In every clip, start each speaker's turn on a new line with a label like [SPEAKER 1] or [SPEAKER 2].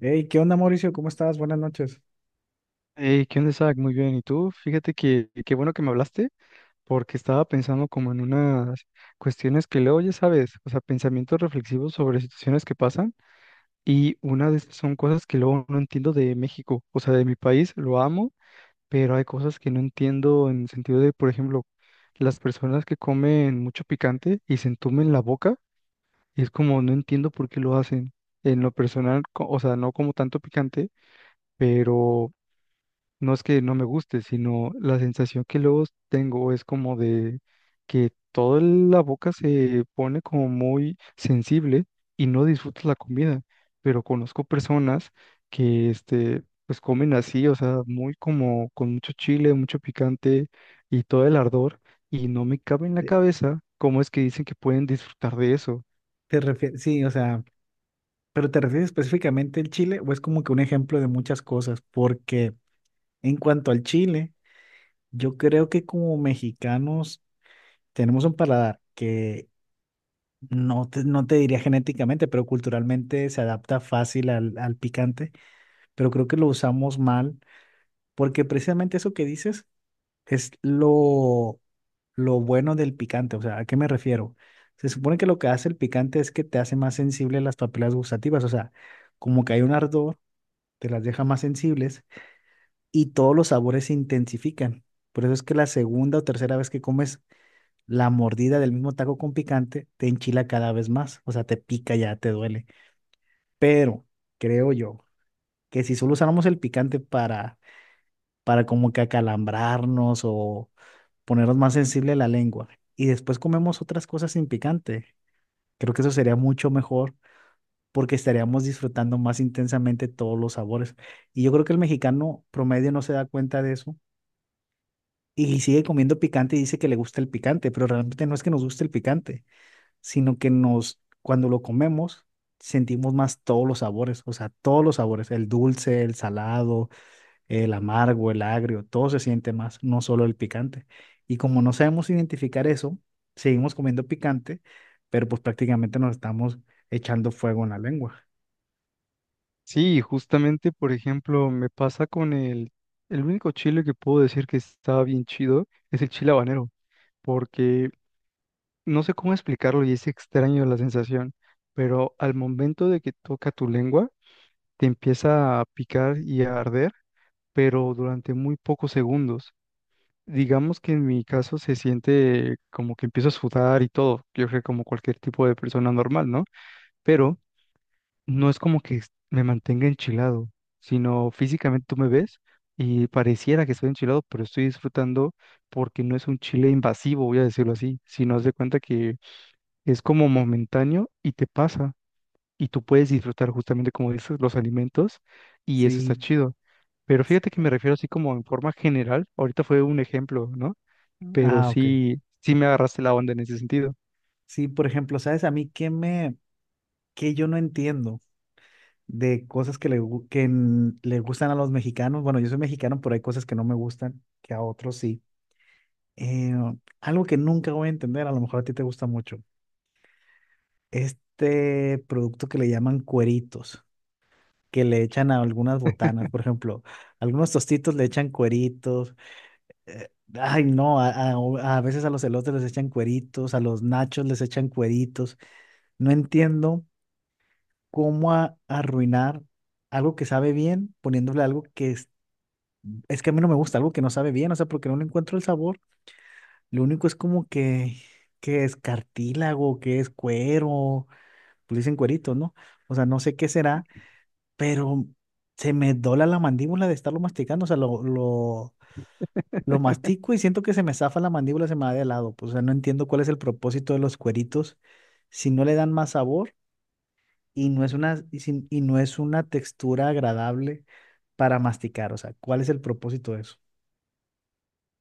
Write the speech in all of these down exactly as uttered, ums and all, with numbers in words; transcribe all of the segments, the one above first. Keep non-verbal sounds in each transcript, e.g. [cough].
[SPEAKER 1] Hey, ¿qué onda, Mauricio? ¿Cómo estás? Buenas noches.
[SPEAKER 2] Hey, ¿qué onda, Isaac? Muy bien. ¿Y tú? Fíjate que qué bueno que me hablaste, porque estaba pensando como en unas cuestiones que luego, ya sabes, o sea, pensamientos reflexivos sobre situaciones que pasan. Y una de esas son cosas que luego no entiendo de México, o sea, de mi país, lo amo, pero hay cosas que no entiendo en el sentido de, por ejemplo, las personas que comen mucho picante y se entumen la boca, y es como no entiendo por qué lo hacen. En lo personal, co- o sea, no como tanto picante, pero. No es que no me guste, sino la sensación que luego tengo es como de que toda la boca se pone como muy sensible y no disfrutas la comida. Pero conozco personas que este, pues comen así, o sea, muy como con mucho chile, mucho picante y todo el ardor, y no me cabe en la
[SPEAKER 1] ¿Te,
[SPEAKER 2] cabeza cómo es que dicen que pueden disfrutar de eso.
[SPEAKER 1] te refie- Sí, o sea, pero ¿te refieres específicamente al chile o es como que un ejemplo de muchas cosas? Porque en cuanto al chile, yo creo que como mexicanos tenemos un paladar que no te, no te diría genéticamente, pero culturalmente se adapta fácil al, al picante, pero creo que lo usamos mal porque precisamente eso que dices es lo, lo bueno del picante. O sea, ¿a qué me refiero? Se supone que lo que hace el picante es que te hace más sensible las papilas gustativas, o sea, como que hay un ardor, te las deja más sensibles y todos los sabores se intensifican. Por eso es que la segunda o tercera vez que comes la mordida del mismo taco con picante, te enchila cada vez más, o sea, te pica ya, te duele. Pero creo yo que si solo usáramos el picante para, para como que acalambrarnos o ponernos más sensible a la lengua y después comemos otras cosas sin picante. Creo que eso sería mucho mejor porque estaríamos disfrutando más intensamente todos los sabores. Y yo creo que el mexicano promedio no se da cuenta de eso y sigue comiendo picante y dice que le gusta el picante, pero realmente no es que nos guste el picante, sino que nos, cuando lo comemos, sentimos más todos los sabores, o sea, todos los sabores, el dulce, el salado, el amargo, el agrio, todo se siente más, no solo el picante. Y como no sabemos identificar eso, seguimos comiendo picante, pero pues prácticamente nos estamos echando fuego en la lengua.
[SPEAKER 2] Sí, justamente, por ejemplo, me pasa con el, el único chile que puedo decir que está bien chido es el chile habanero porque no sé cómo explicarlo y es extraño la sensación, pero al momento de que toca tu lengua, te empieza a picar y a arder, pero durante muy pocos segundos. Digamos que en mi caso se siente como que empiezo a sudar y todo, yo creo que como cualquier tipo de persona normal, ¿no? Pero no es como que me mantenga enchilado, sino físicamente tú me ves y pareciera que estoy enchilado, pero estoy disfrutando porque no es un chile invasivo, voy a decirlo así, sino haz de cuenta que es como momentáneo y te pasa y tú puedes disfrutar justamente como dices los alimentos y eso está
[SPEAKER 1] Sí,
[SPEAKER 2] chido. Pero fíjate que me refiero así como en forma general, ahorita fue un ejemplo, ¿no? Pero
[SPEAKER 1] ah, ok.
[SPEAKER 2] sí, sí me agarraste la onda en ese sentido.
[SPEAKER 1] Sí, por ejemplo, ¿sabes a mí qué me, qué yo no entiendo de cosas que le, gu- que n- le gustan a los mexicanos? Bueno, yo soy mexicano, pero hay cosas que no me gustan, que a otros sí. Eh, Algo que nunca voy a entender, a lo mejor a ti te gusta mucho, este producto que le llaman cueritos, que le echan a algunas botanas. Por ejemplo, algunos tostitos le echan cueritos, eh, ay no, a, a- a veces a los elotes les echan cueritos, a los nachos les echan cueritos. No entiendo cómo a- arruinar algo que sabe bien poniéndole algo que es, es que a mí no me gusta, algo que no sabe bien, o sea, porque no le encuentro el sabor. Lo único es como que, que es cartílago, que es cuero, pues dicen cueritos, ¿no? O sea, no sé qué será, pero se me dobla la mandíbula de estarlo masticando, o sea, lo, lo, lo mastico y siento que se me zafa la mandíbula, se me va de lado, pues. O sea, no entiendo cuál es el propósito de los cueritos si no le dan más sabor y no es una, y, sin- y no es una textura agradable para masticar. O sea, ¿cuál es el propósito de eso?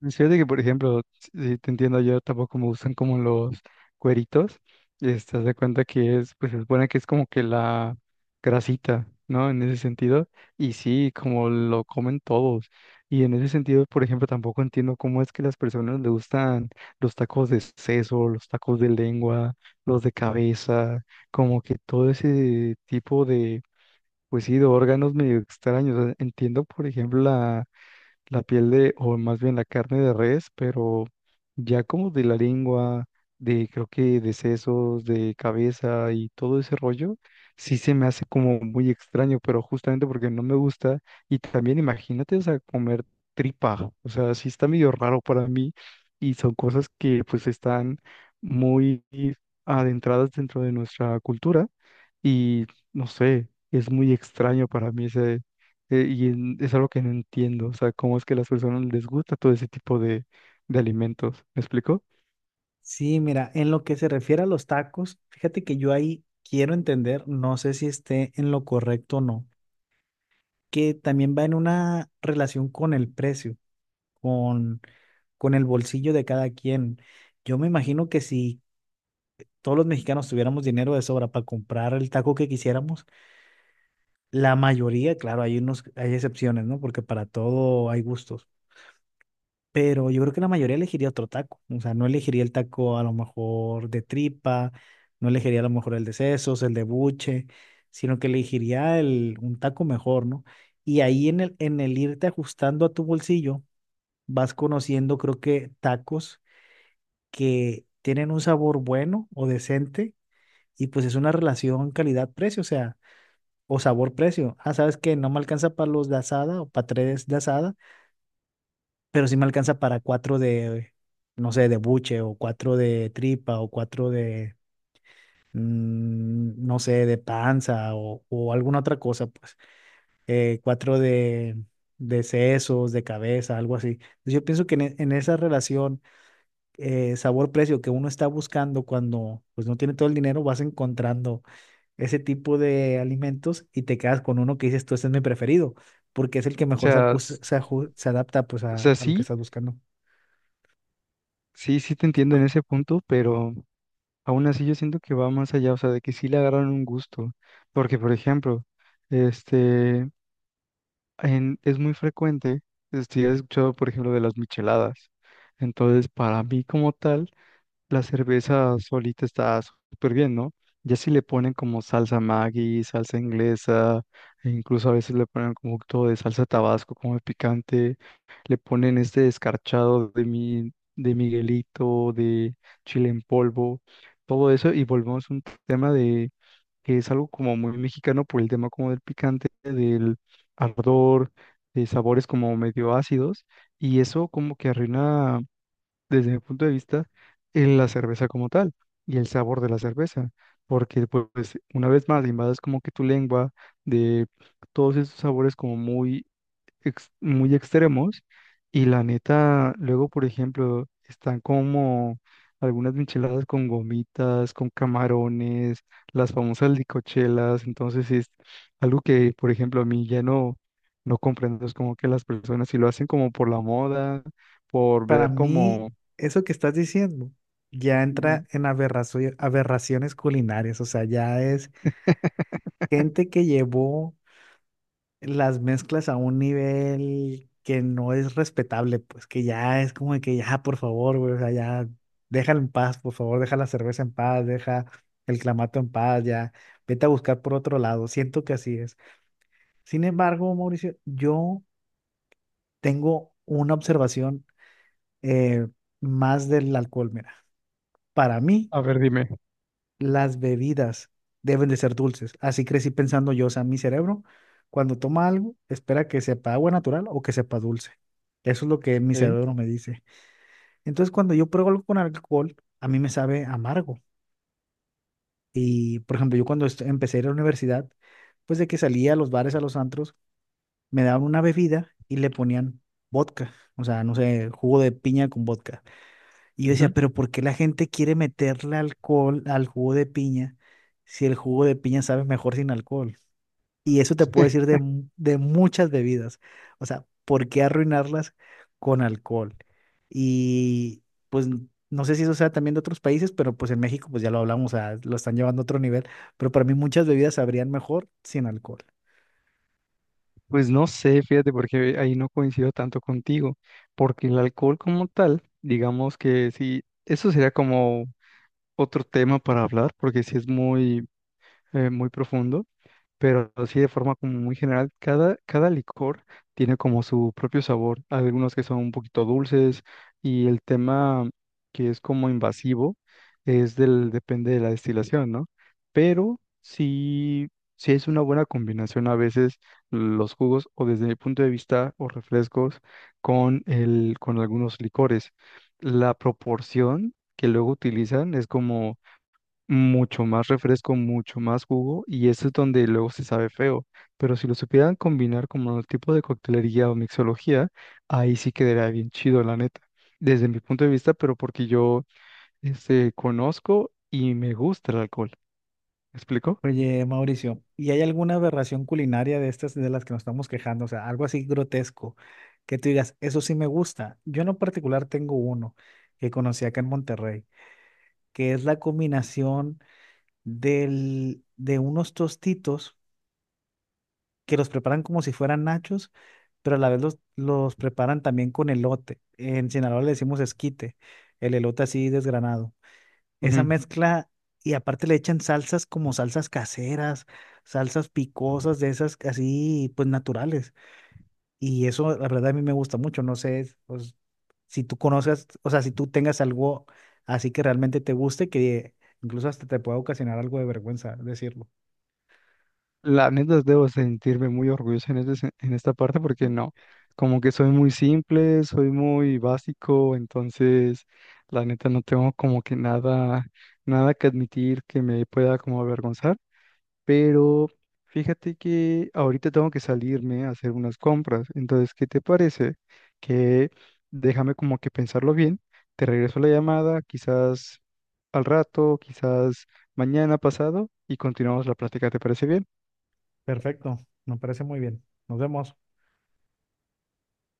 [SPEAKER 2] Fíjate que, por ejemplo, si te entiendo, yo tampoco me gustan como los cueritos. Este, haz de cuenta que es, pues se supone que es como que la grasita, ¿no? En ese sentido. Y sí, como lo comen todos. Y en ese sentido, por ejemplo, tampoco entiendo cómo es que las personas le gustan los tacos de seso, los tacos de lengua, los de cabeza, como que todo ese tipo de, pues sí, de órganos medio extraños. O sea, entiendo, por ejemplo, la piel de, o más bien la carne de res, pero ya como de la lengua, de creo que de sesos, de cabeza y todo ese rollo, sí se me hace como muy extraño, pero justamente porque no me gusta. Y también imagínate, o sea, comer tripa, o sea, sí está medio raro para mí y son cosas que pues están muy adentradas dentro de nuestra cultura y no sé, es muy extraño para mí ese, eh, y en- es algo que no entiendo, o sea, cómo es que a las personas les gusta todo ese tipo de, de alimentos, ¿me explico? O
[SPEAKER 1] Sí, mira, en lo que se refiere a los tacos, fíjate que yo ahí quiero entender, no sé si esté en lo correcto o no, que también va en una relación con el precio, con con el bolsillo de cada quien. Yo me imagino que si todos los mexicanos tuviéramos dinero de sobra para comprar el taco que quisiéramos, la mayoría, claro, hay unos, hay excepciones, ¿no? Porque para todo hay gustos. Pero yo creo que la mayoría elegiría otro taco. O sea, no elegiría el taco a lo mejor de tripa, no elegiría a lo mejor el de sesos, el de buche, sino que elegiría el, un taco mejor, ¿no? Y ahí en el, en el irte ajustando a tu bolsillo, vas conociendo, creo que, tacos que tienen un sabor bueno o decente, y pues es una relación calidad-precio, o sea, o sabor-precio. Ah, sabes que no me alcanza para los de asada o para tres de asada, pero sí me alcanza para cuatro de, no sé, de buche o cuatro de tripa o cuatro de, mm, no sé, de panza o, o alguna otra cosa, pues eh, cuatro de, de sesos, de cabeza, algo así. Entonces, yo pienso que en e- en esa relación, eh, sabor-precio, que uno está buscando cuando pues no tiene todo el dinero, vas encontrando ese tipo de alimentos y te quedas con uno que dices, tú, este es mi preferido, porque es el que mejor se,
[SPEAKER 2] sea,
[SPEAKER 1] acus-
[SPEAKER 2] s-
[SPEAKER 1] se aju- se adapta pues
[SPEAKER 2] o
[SPEAKER 1] a,
[SPEAKER 2] sea,
[SPEAKER 1] a lo que
[SPEAKER 2] sí,
[SPEAKER 1] estás buscando.
[SPEAKER 2] sí, sí te entiendo en ese punto, pero aún así yo siento que va más allá, o sea, de que sí le agarran un gusto, porque por ejemplo, este, en- es muy frecuente, este, he escuchado por ejemplo de las micheladas, entonces para mí como tal, la cerveza solita está súper bien, ¿no? Ya si le ponen como salsa Maggi, salsa inglesa, e incluso a veces le ponen como un poquito de salsa Tabasco, como de picante, le ponen este descarchado de mi, de Miguelito, de chile en polvo, todo eso, y volvemos a un tema de que es algo como muy mexicano por el tema como del picante, del ardor, de sabores como medio ácidos, y eso como que arruina desde mi punto de vista, en la cerveza como tal y el sabor de la cerveza, porque pu- pues una vez más invades como que tu lengua de todos esos sabores como muy, ex- muy extremos y la neta, luego por ejemplo, están como algunas micheladas con gomitas, con camarones, las famosas licochelas, entonces es algo que por ejemplo a mí ya no, no comprendo, es como que las personas si lo hacen como por la moda, por
[SPEAKER 1] Para
[SPEAKER 2] ver
[SPEAKER 1] mí,
[SPEAKER 2] como
[SPEAKER 1] eso que estás diciendo ya entra
[SPEAKER 2] ujú.
[SPEAKER 1] en aberrazo- aberraciones culinarias. O sea, ya es gente que llevó las mezclas a un nivel que no es respetable, pues que ya es como de que ya, por favor, güey, o sea, ya déjala en paz, por favor, deja la cerveza en paz, deja el clamato en paz, ya, vete a buscar por otro lado, siento que así es. Sin embargo, Mauricio, yo tengo una observación, eh, más del alcohol. Mira, para mí,
[SPEAKER 2] A ver, dime.
[SPEAKER 1] las bebidas deben de ser dulces. Así crecí pensando yo, o sea, mi cerebro, cuando toma algo, espera que sepa agua natural o que sepa dulce. Eso es lo que mi
[SPEAKER 2] ¿Eh?
[SPEAKER 1] cerebro me dice. Entonces, cuando yo pruebo algo con alcohol, a mí me sabe amargo. Y, por ejemplo, yo cuando est- empecé a ir a la universidad, pues de que salía a los bares, a los antros, me daban una bebida y le ponían vodka. O sea, no sé, jugo de piña con vodka. Y yo decía,
[SPEAKER 2] Ujú.
[SPEAKER 1] pero ¿por qué la gente quiere meterle alcohol al jugo de piña si el jugo de piña sabe mejor sin alcohol? Y eso te puedo
[SPEAKER 2] [laughs]
[SPEAKER 1] decir de, mu- de muchas bebidas. O sea, ¿por qué arruinarlas con alcohol? Y pues n- no sé si eso sea también de otros países, pero pues en México pues ya lo hablamos, o sea, lo están llevando a otro nivel. Pero para mí muchas bebidas sabrían mejor sin alcohol.
[SPEAKER 2] Pues no sé, fíjate, porque ahí no coincido tanto contigo, porque el alcohol como tal, digamos que sí, eso sería como otro tema para hablar, porque sí es muy, eh, muy profundo. Pero sí de forma como muy general, cada, cada licor tiene como su propio sabor. Hay algunos que son un poquito dulces y el tema que es como invasivo es del, depende de la destilación, ¿no? Pero sí, sí es una buena combinación a veces los jugos o desde mi punto de vista o refrescos con el, con algunos licores. La proporción que luego utilizan es como mucho más refresco, mucho más jugo, y eso es donde luego se sabe feo. Pero si lo supieran combinar como el tipo de coctelería o mixología, ahí sí quedaría bien chido, la neta. Desde mi punto de vista, pero porque yo este, conozco y me gusta el alcohol. ¿Me explico?
[SPEAKER 1] Oye, Mauricio, ¿y hay alguna aberración culinaria de estas de las que nos estamos quejando? O sea, algo así grotesco, que tú digas, eso sí me gusta. Yo en lo particular tengo uno que conocí acá en Monterrey, que es la combinación del, de unos tostitos que los preparan como si fueran nachos, pero a la vez los, los preparan también con elote. En Sinaloa le decimos esquite, el elote así desgranado, esa mezcla, y aparte le echan salsas, como salsas caseras, salsas picosas de esas así pues naturales. Y eso la verdad a mí me gusta mucho, no sé, pues, si tú conozcas, o sea, si tú tengas algo así que realmente te guste, que incluso hasta te pueda ocasionar algo de vergüenza decirlo.
[SPEAKER 2] La neta, debo sentirme muy orgulloso en, este sen- en esta parte porque no, como que soy muy simple, soy muy básico, entonces la neta no tengo como que nada, nada que admitir que me pueda como avergonzar, pero fíjate que ahorita tengo que salirme a hacer unas compras, entonces, ¿qué te parece? Que déjame como que pensarlo bien, te regreso la llamada, quizás al rato, quizás mañana pasado y continuamos la plática, ¿te parece bien?
[SPEAKER 1] Perfecto, me parece muy bien. Nos vemos.